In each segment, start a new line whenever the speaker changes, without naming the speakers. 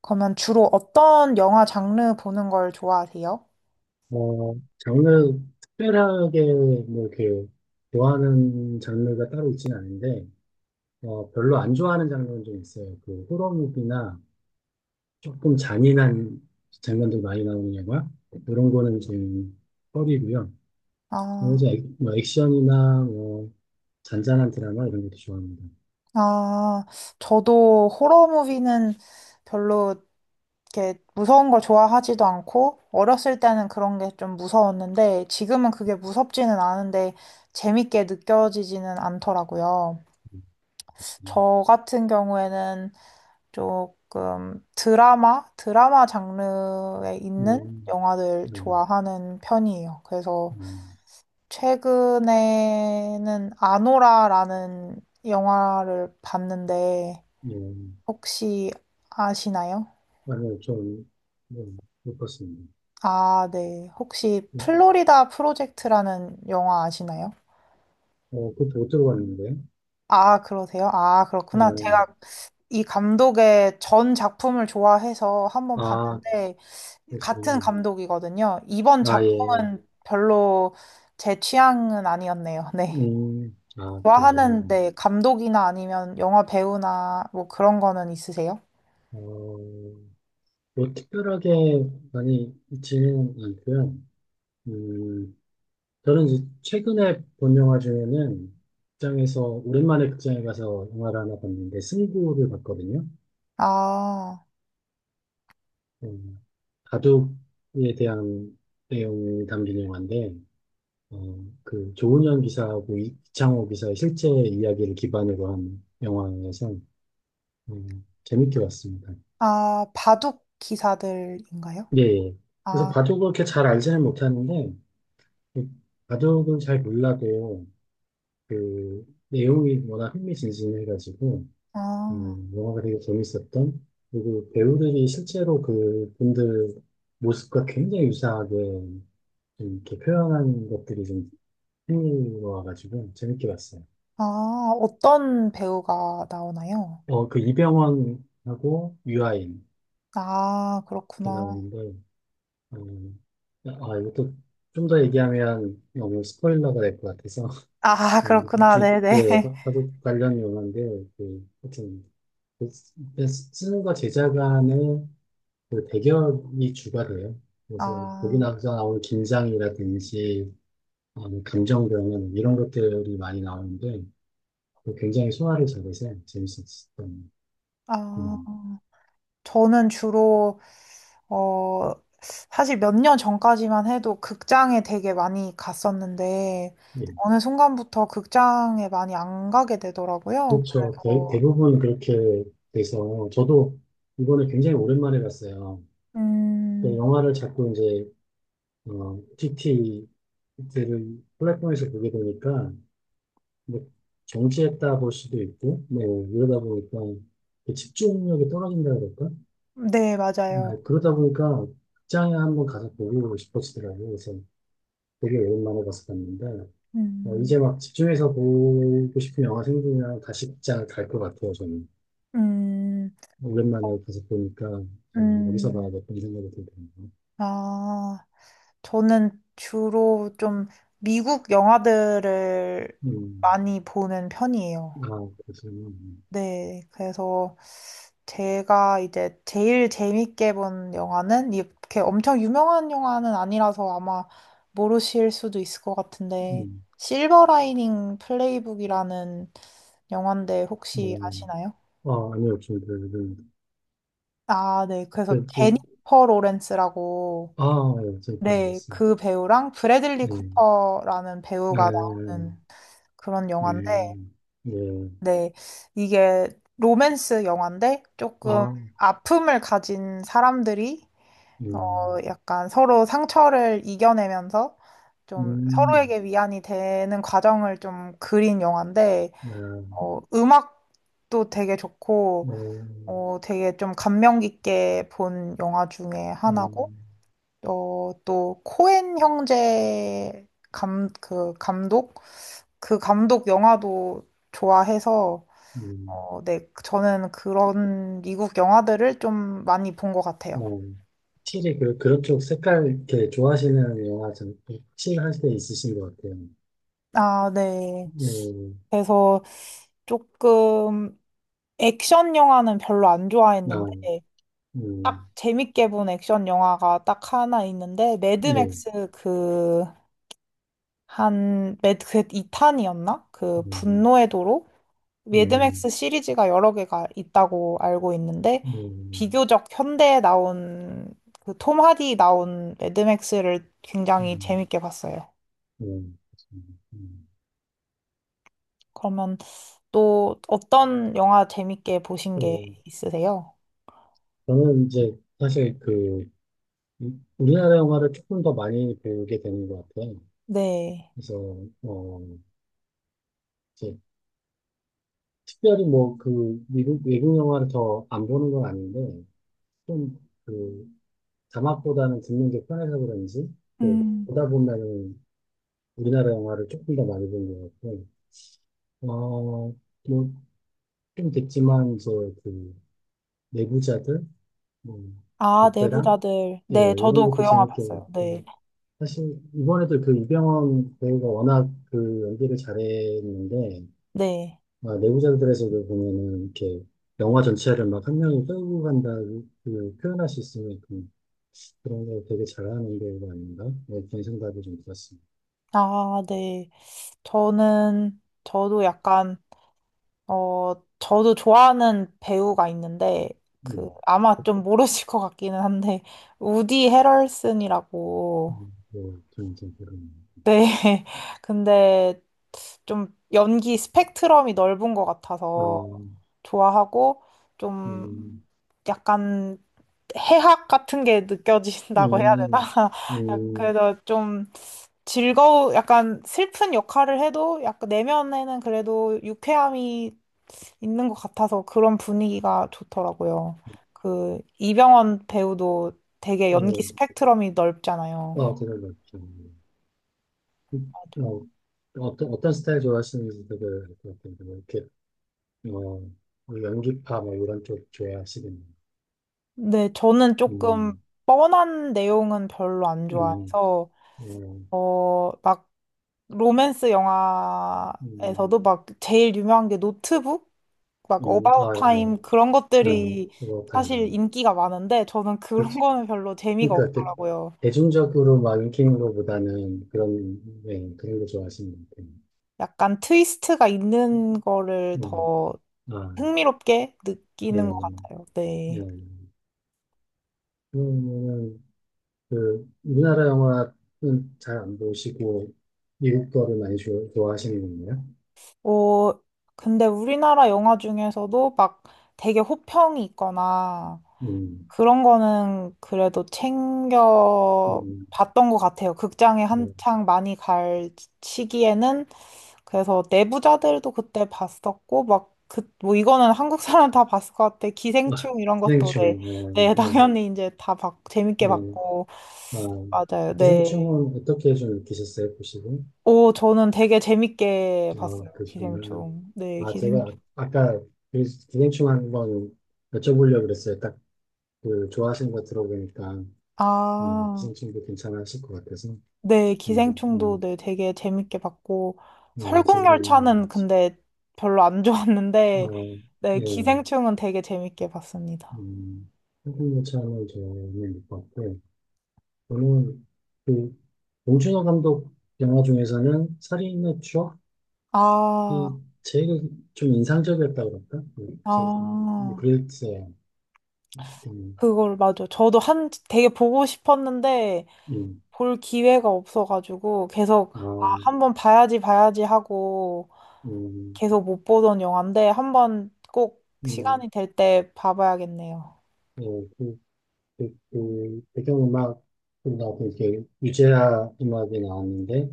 그러면 주로 어떤 영화 장르 보는 걸 좋아하세요?
장르 특별하게 뭐 이렇게 좋아하는 장르가 따로 있지는 않은데 별로 안 좋아하는 장르는 좀 있어요. 그 호러 무비나 조금 잔인한 장면들 많이 나오는 영화 이런 거는 좀 꺼리고요.
아,
그래서 뭐 액션이나 뭐 잔잔한 드라마 이런 것도 좋아합니다.
아, 저도 호러 무비는 별로 이렇게 무서운 걸 좋아하지도 않고, 어렸을 때는 그런 게 좀 무서웠는데, 지금은 그게 무섭지는 않은데, 재밌게 느껴지지는 않더라고요.
음.
저 같은 경우에는 조금 드라마? 드라마 장르에 있는
음.
영화들
음.
좋아하는 편이에요. 그래서
음.
최근에는 아노라라는 영화를 봤는데
음. 음.
혹시 아시나요?
아니요, 좀, 음, 못 봤습니다.
아, 네. 혹시
음,
플로리다 프로젝트라는 영화 아시나요?
그것도 못 들어봤는데.
아, 그러세요? 아, 그렇구나. 제가
음.
이 감독의 전 작품을 좋아해서 한번
아,
봤는데 같은
그러시구나.
감독이거든요. 이번
아, 예.
작품은 별로 제 취향은 아니었네요. 네.
아, 그러세요.
좋아하는 네, 감독이나 아니면 영화 배우나 뭐 그런 거는 있으세요?
어, 뭐, 특별하게 많이 있지는 않고요. 음, 저는 이제 최근에 본 영화 중에는 극장에서, 오랜만에 극장에 가서 영화를 하나 봤는데, 승부를 봤거든요.
아,
음, 바둑에 대한 내용이 담긴 영화인데, 어, 그, 조은현 기사하고 창호 기사의 실제 이야기를 기반으로 한 영화에서, 재밌게 봤습니다.
아, 바둑 기사들인가요?
예. 예. 그래서
아,
바둑을 그렇게 잘 알지는 못하는데, 그 바둑은 잘 몰라도, 그, 내용이 워낙 흥미진진해가지고,
아,
영화가 되게 재밌었던, 그리고 배우들이 실제로 그 분들 모습과 굉장히 유사하게 좀 이렇게 표현한 것들이 좀 흥미로워가지고, 재밌게 봤어요.
아, 어떤 배우가 나오나요?
그 이병헌하고 유아인,
아,
이렇게
그렇구나.
나오는데, 음, 아, 이것도 좀 더 얘기하면 너무 스포일러가 될 것 같아서,
아, 그렇구나.
하여튼, 예,
네네.
화 관련 용어인데, 그, 하여튼, 는과 제작 간의 그 대결이 주가 돼요. 그래서 거기
아,
나서 나오는 긴장이라든지, 감정 변화, 이런 것들이 많이 나오는데, 그 굉장히 소화를 잘해서 재밌었던,
아,
음,
저는 주로, 어, 사실 몇 년 전까지만 해도 극장에 되게 많이 갔었는데,
예.
어느 순간부터 극장에 많이 안 가게 되더라고요.
그렇죠. 대,
그래서,
대부분 그렇게 돼서, 저도 이번에 굉장히 오랜만에 봤어요. 그
음,
영화를 자꾸 이제, TT, 들을 플랫폼에서 보게 되니까 뭐 정지했다 볼 수도 있고, 네, 이러다 보니까 그 집중력이 떨어진다 그럴까?
네, 맞아요.
아, 그러다 보니까 극장에 한번 가서 보고 싶어지더라고요. 그래서 되게 오랜만에 가서 봤는데,
음,
이제 막 집중해서 보고 싶은 영화 생기면 다시 극장을 갈 것 같아요, 저는.
음.
오랜만에 가서 보니까, 어디서 봐야
음,
될까 이런 생각이 들더라고요.
아, 저는 주로 좀 미국 영화들을
음,
많이 보는 편이에요.
아, 그래서,
네, 그래서 제가 이제 제일 재밌게 본 영화는 이렇게 엄청 유명한 영화는 아니라서 아마 모르실 수도 있을 것 같은데,
음,
실버 라이닝 플레이북이라는 영화인데 혹시 아시나요?
아, 아니요, 좀,
아, 네. 그래서
그, 이,
제니퍼 로렌스라고
아, 예, 저기, 맞
네,
습
그 배우랑 브래들리
네.
쿠퍼라는
네.
배우가 나오는
음.
그런 영화인데,
네.
네, 이게 로맨스 영화인데 조금
아.
아픔을 가진 사람들이 어,
음.
약간 서로 상처를 이겨내면서 좀
음.
서로에게 위안이 되는 과정을 좀 그린 영화인데,
네.
음악도 되게 좋고,
어.
되게 좀 감명 깊게 본 영화 중에 하나고,
음.
또 코엔 형제 그 감독 그 감독 영화도 좋아해서
음.
네, 저는 그런 미국 영화들을 좀 많이 본 것 같아요.
어. 확실히 그런 쪽 색깔 이렇게 좋아하시는 영화 좀 확실히 할 때 있으신 것 같아요.
아, 네.
네.
그래서 조금 액션 영화는 별로 안
아.
좋아했는데 딱
음.
재밌게 본 액션 영화가 딱 하나 있는데
네.
매드맥스 그 한 매드 그 2탄이었나? 그
음.
분노의 도로?
음.
매드맥스 시리즈가 여러 개가 있다고 알고 있는데
음.
비교적 현대에 나온 그 톰 하디 나온 매드맥스를 굉장히
음.
재밌게 봤어요.
음. 그렇습니다. 음.
그러면 또 어떤 영화 재밌게 보신
어,
게 있으세요?
저는 이제 사실 그, 우리나라 영화를 조금 더 많이 배우게 되는 것 같아요.
네.
그래서 어 이제 특별히 뭐 그 미국 외국 영화를 더 안 보는 건 아닌데 좀 그 자막보다는 듣는 게 편해서 그런지 또
음.
보다 보면은 우리나라 영화를 조금 더 많이 본 것 같고 어뭐좀 됐지만 이제 그 내부자들 뭐
아,
베테랑
내부자들.
예
네,
이런
저도 그
것도
영화
재밌게
봤어요.
봤고
네.
사실 이번에도 그 이병헌 배우가 워낙 그 연기를 잘했는데
네.
아, 내부자들에서도 보면은 이렇게 영화 전체를 막 한 명이 끌고 간다 그 표현할 수 있으니까 그런 걸 되게 잘하는 게 이거 아닌가? 네, 그런 생각이 좀 들었습니다.
아, 네. 저는 저도 약간 어, 저도 좋아하는 배우가 있는데, 그,
네.
아마 좀 모르실 것 같기는 한데, 우디 헤럴슨이라고.
음. 뭐 그런 좀 그런.
네. 근데 좀 연기 스펙트럼이 넓은 것 같아서
어.
좋아하고, 좀
음.
약간 해학 같은 게 느껴진다고 해야 되나?
음. 음.
그래서 좀 즐거운, 약간 슬픈 역할을 해도, 약간 내면에는 그래도 유쾌함이 있는 것 같아서 그런 분위기가 좋더라고요. 그 이병헌 배우도 되게 연기
어,
스펙트럼이 넓잖아요.
아, 그런 것 같아요. 어, 어떤 어떤 스타일 좋아하시는지 되게 그렇게 이렇게 어, 연기파 뭐 이런 쪽 좋아하시겠네요.
근데 저는 조금
음.
뻔한 내용은 별로 안
음.
좋아해서
어.
막 로맨스
음.
영화에서도 막 제일 유명한 게 노트북, 막 어바웃
아,
타임 그런 것들이
그렇다.
사실 인기가 많은데 저는 그런
그치.
거는 별로 재미가
그러니까
없더라고요.
대중적으로 막 인기 있는 것보다는 그런, 예, 그런 거 좋아하시는 것 같아요.
약간 트위스트가 있는 거를
음.
더
아,
흥미롭게
예,
느끼는 것 같아요.
예.
네.
그러면은, 그, 우리나라 영화는 잘 안 보시고, 미국 거를 많이 좋아하시는 건가요?
어, 근데 우리나라 영화 중에서도 막 되게 호평이 있거나
음.
그런 거는 그래도 챙겨
음.
봤던 것 같아요. 극장에
뭐.
한창 많이 갈 시기에는 그래서 내부자들도 그때 봤었고 막 그, 뭐 이거는 한국 사람 다 봤을 것 같아.
아,
기생충 이런 것도
기생충,
네, 네
예, 예,
당연히 이제 다 봤, 재밌게
예.
봤고
아,
맞아요. 네.
기생충은 어떻게 좀 느끼셨어요, 보시고?
오, 저는 되게 재밌게
아,
봤어요,
그러시구나.
기생충. 네,
아, 제가 아-
기생충.
아까 그 기생충 한번 여쭤보려고 그랬어요. 딱 그 좋아하시는 거 들어보니까
아,
기생충도 괜찮으실 것 같아서.
네,
음.
기생충도
음.
네, 되게 재밌게 봤고,
네,
설국열차는
재밌는.
근데 별로 안
아,
좋았는데, 네,
예.
기생충은 되게 재밌게 봤습니다.
음, 한국무차는 저는 못 봤고, 저는 그 봉준호 감독 영화 중에서는 살인의 추억이
아,
제일 좀 인상적이었다고 그럴까? 좀,
아,
그랬어요. 음.
그걸 맞아. 저도 되게 보고 싶었는데,
음.
볼 기회가 없어가지고, 계속, 아,
아.
한번 봐야지, 봐야지 하고,
음.
계속 못 보던 영화인데 한번 꼭
음.
시간이 될 때 봐봐야겠네요.
예, 그, 그, 그, 배경음악 나도 이렇게 유재하 음악이 나왔는데,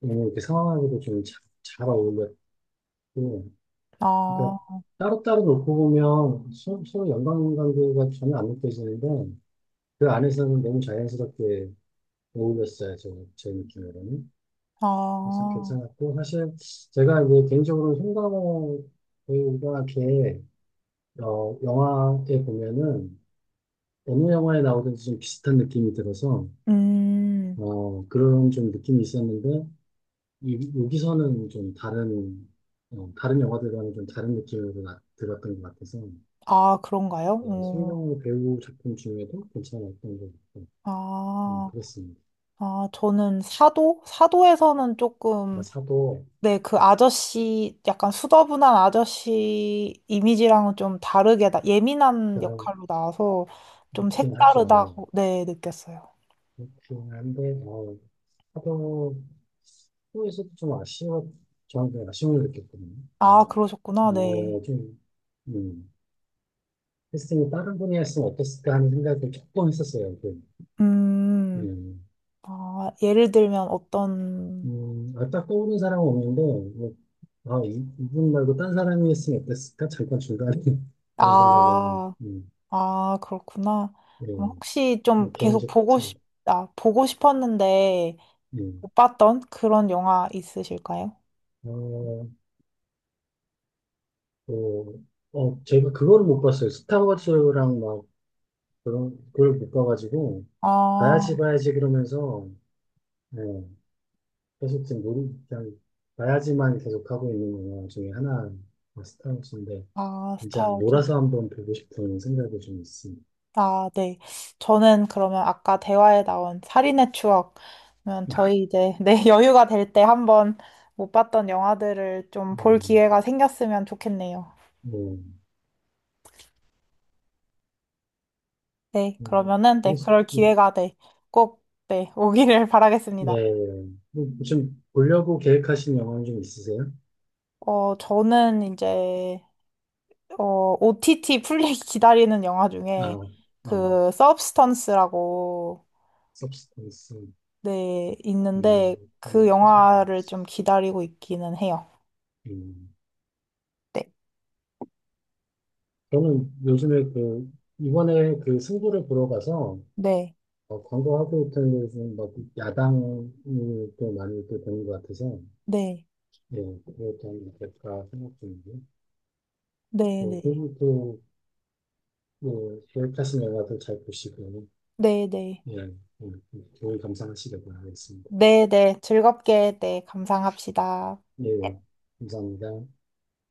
오늘 이렇게 상황하고도 좀 잘, 잘 어울렸고, 그러니까
아,
따로따로 놓고 보면 서로 연관관계가 전혀 안 느껴지는데, 그 안에서는 너무 자연스럽게 어울렸어요, 저, 제 느낌으로는. 그래서
아,
괜찮았고, 사실 제가 이제 개인적으로 송강호 배우가 이렇게, 영화에 보면은, 어느 영화에 나오든지 좀 비슷한 느낌이 들어서,
음,
그런 좀 느낌이 있었는데, 이, 여기서는 좀 다른, 다른 영화들과는 좀 다른 느낌으로 들었던 것 같아서,
아, 그런가요?
네,
오,
송강호 배우 작품 중에도 괜찮았던 것 같고,
아,
그렇습니다.
아, 저는 사도? 사도에서는
아마
조금,
사도
네, 그 아저씨, 약간 수더분한 아저씨 이미지랑은 좀 다르게, 나, 예민한
별
역할로 나와서 좀
좋긴 하죠.
색다르다고, 네, 느꼈어요.
좋긴 한데, 사도 후에서도 좀 아쉬워, 저한테 아쉬움을 느꼈거든요.
아,
그러니까,
그러셨구나, 네.
좀, 음. 했으니 다른 분이 했으면 어땠을까 하는 생각을 조금 했었어요. 그,
음,
음,
아, 예를 들면 어떤
아, 딱 떠오르는 사람은 없는데, 뭐, 아, 이, 이분 말고 딴 사람이 했으면 어땠을까? 잠깐 중간에 그런 생각을,
아, 아, 그렇구나.
예,
그럼 혹시 좀
뭐,
계속
개인적 차이.
아, 보고 싶었는데
음.
못 봤던 그런 영화 있으실까요?
어, 또, 제가 그걸 못 봤어요. 스타워즈랑 막, 그런, 그걸 못 봐가지고, 봐야지,
아,
봐야지 그러면서, 예, 계속 지금 놀이, 그냥, 봐야지만 계속 하고 있는 영화 중에 하나, 스타워즈인데,
아,
이제
스타워즈.
몰아서 한번 보고 싶은 생각이 좀 있습니다.
아, 네. 저는 그러면 아까 대화에 나온 살인의 추억. 그러면 저희 이제 네, 여유가 될 때 한번 못 봤던 영화들을 좀 볼
음.
기회가 생겼으면 좋겠네요.
뭐.
네,
음.
그러면은 네,
그렇습-
그럴
음.
기회가 네, 꼭 네, 오기를
예, 예.
바라겠습니다.
예. 뭐, 지금 보려고 계획하신 영화는 좀 있으세요?
저는 이제 OTT 풀리기 기다리는 영화
아.
중에
어,
그 서브스턴스라고
서브스턴스,
네,
음,
있는데 그
최소
영화를 좀 기다리고 있기는 해요.
음.
네.
저는 요즘에 그, 이번에 그 승부를 보러 가서,
네.
광고하고 있던 데서 막 야당을 또 많이 또 보는 것 같아서,
네.
예, 그것도 한번 볼까 생각 중이고요.
네,
뭐,
네.
그리고 또 네, 계획하신 영화도 잘 보시고,
네, 네.
예, 예, 예, 좋은 감상하시길 바라겠습니다.
네, 네. 즐겁게 네, 감상합시다.
예, 감사합니다.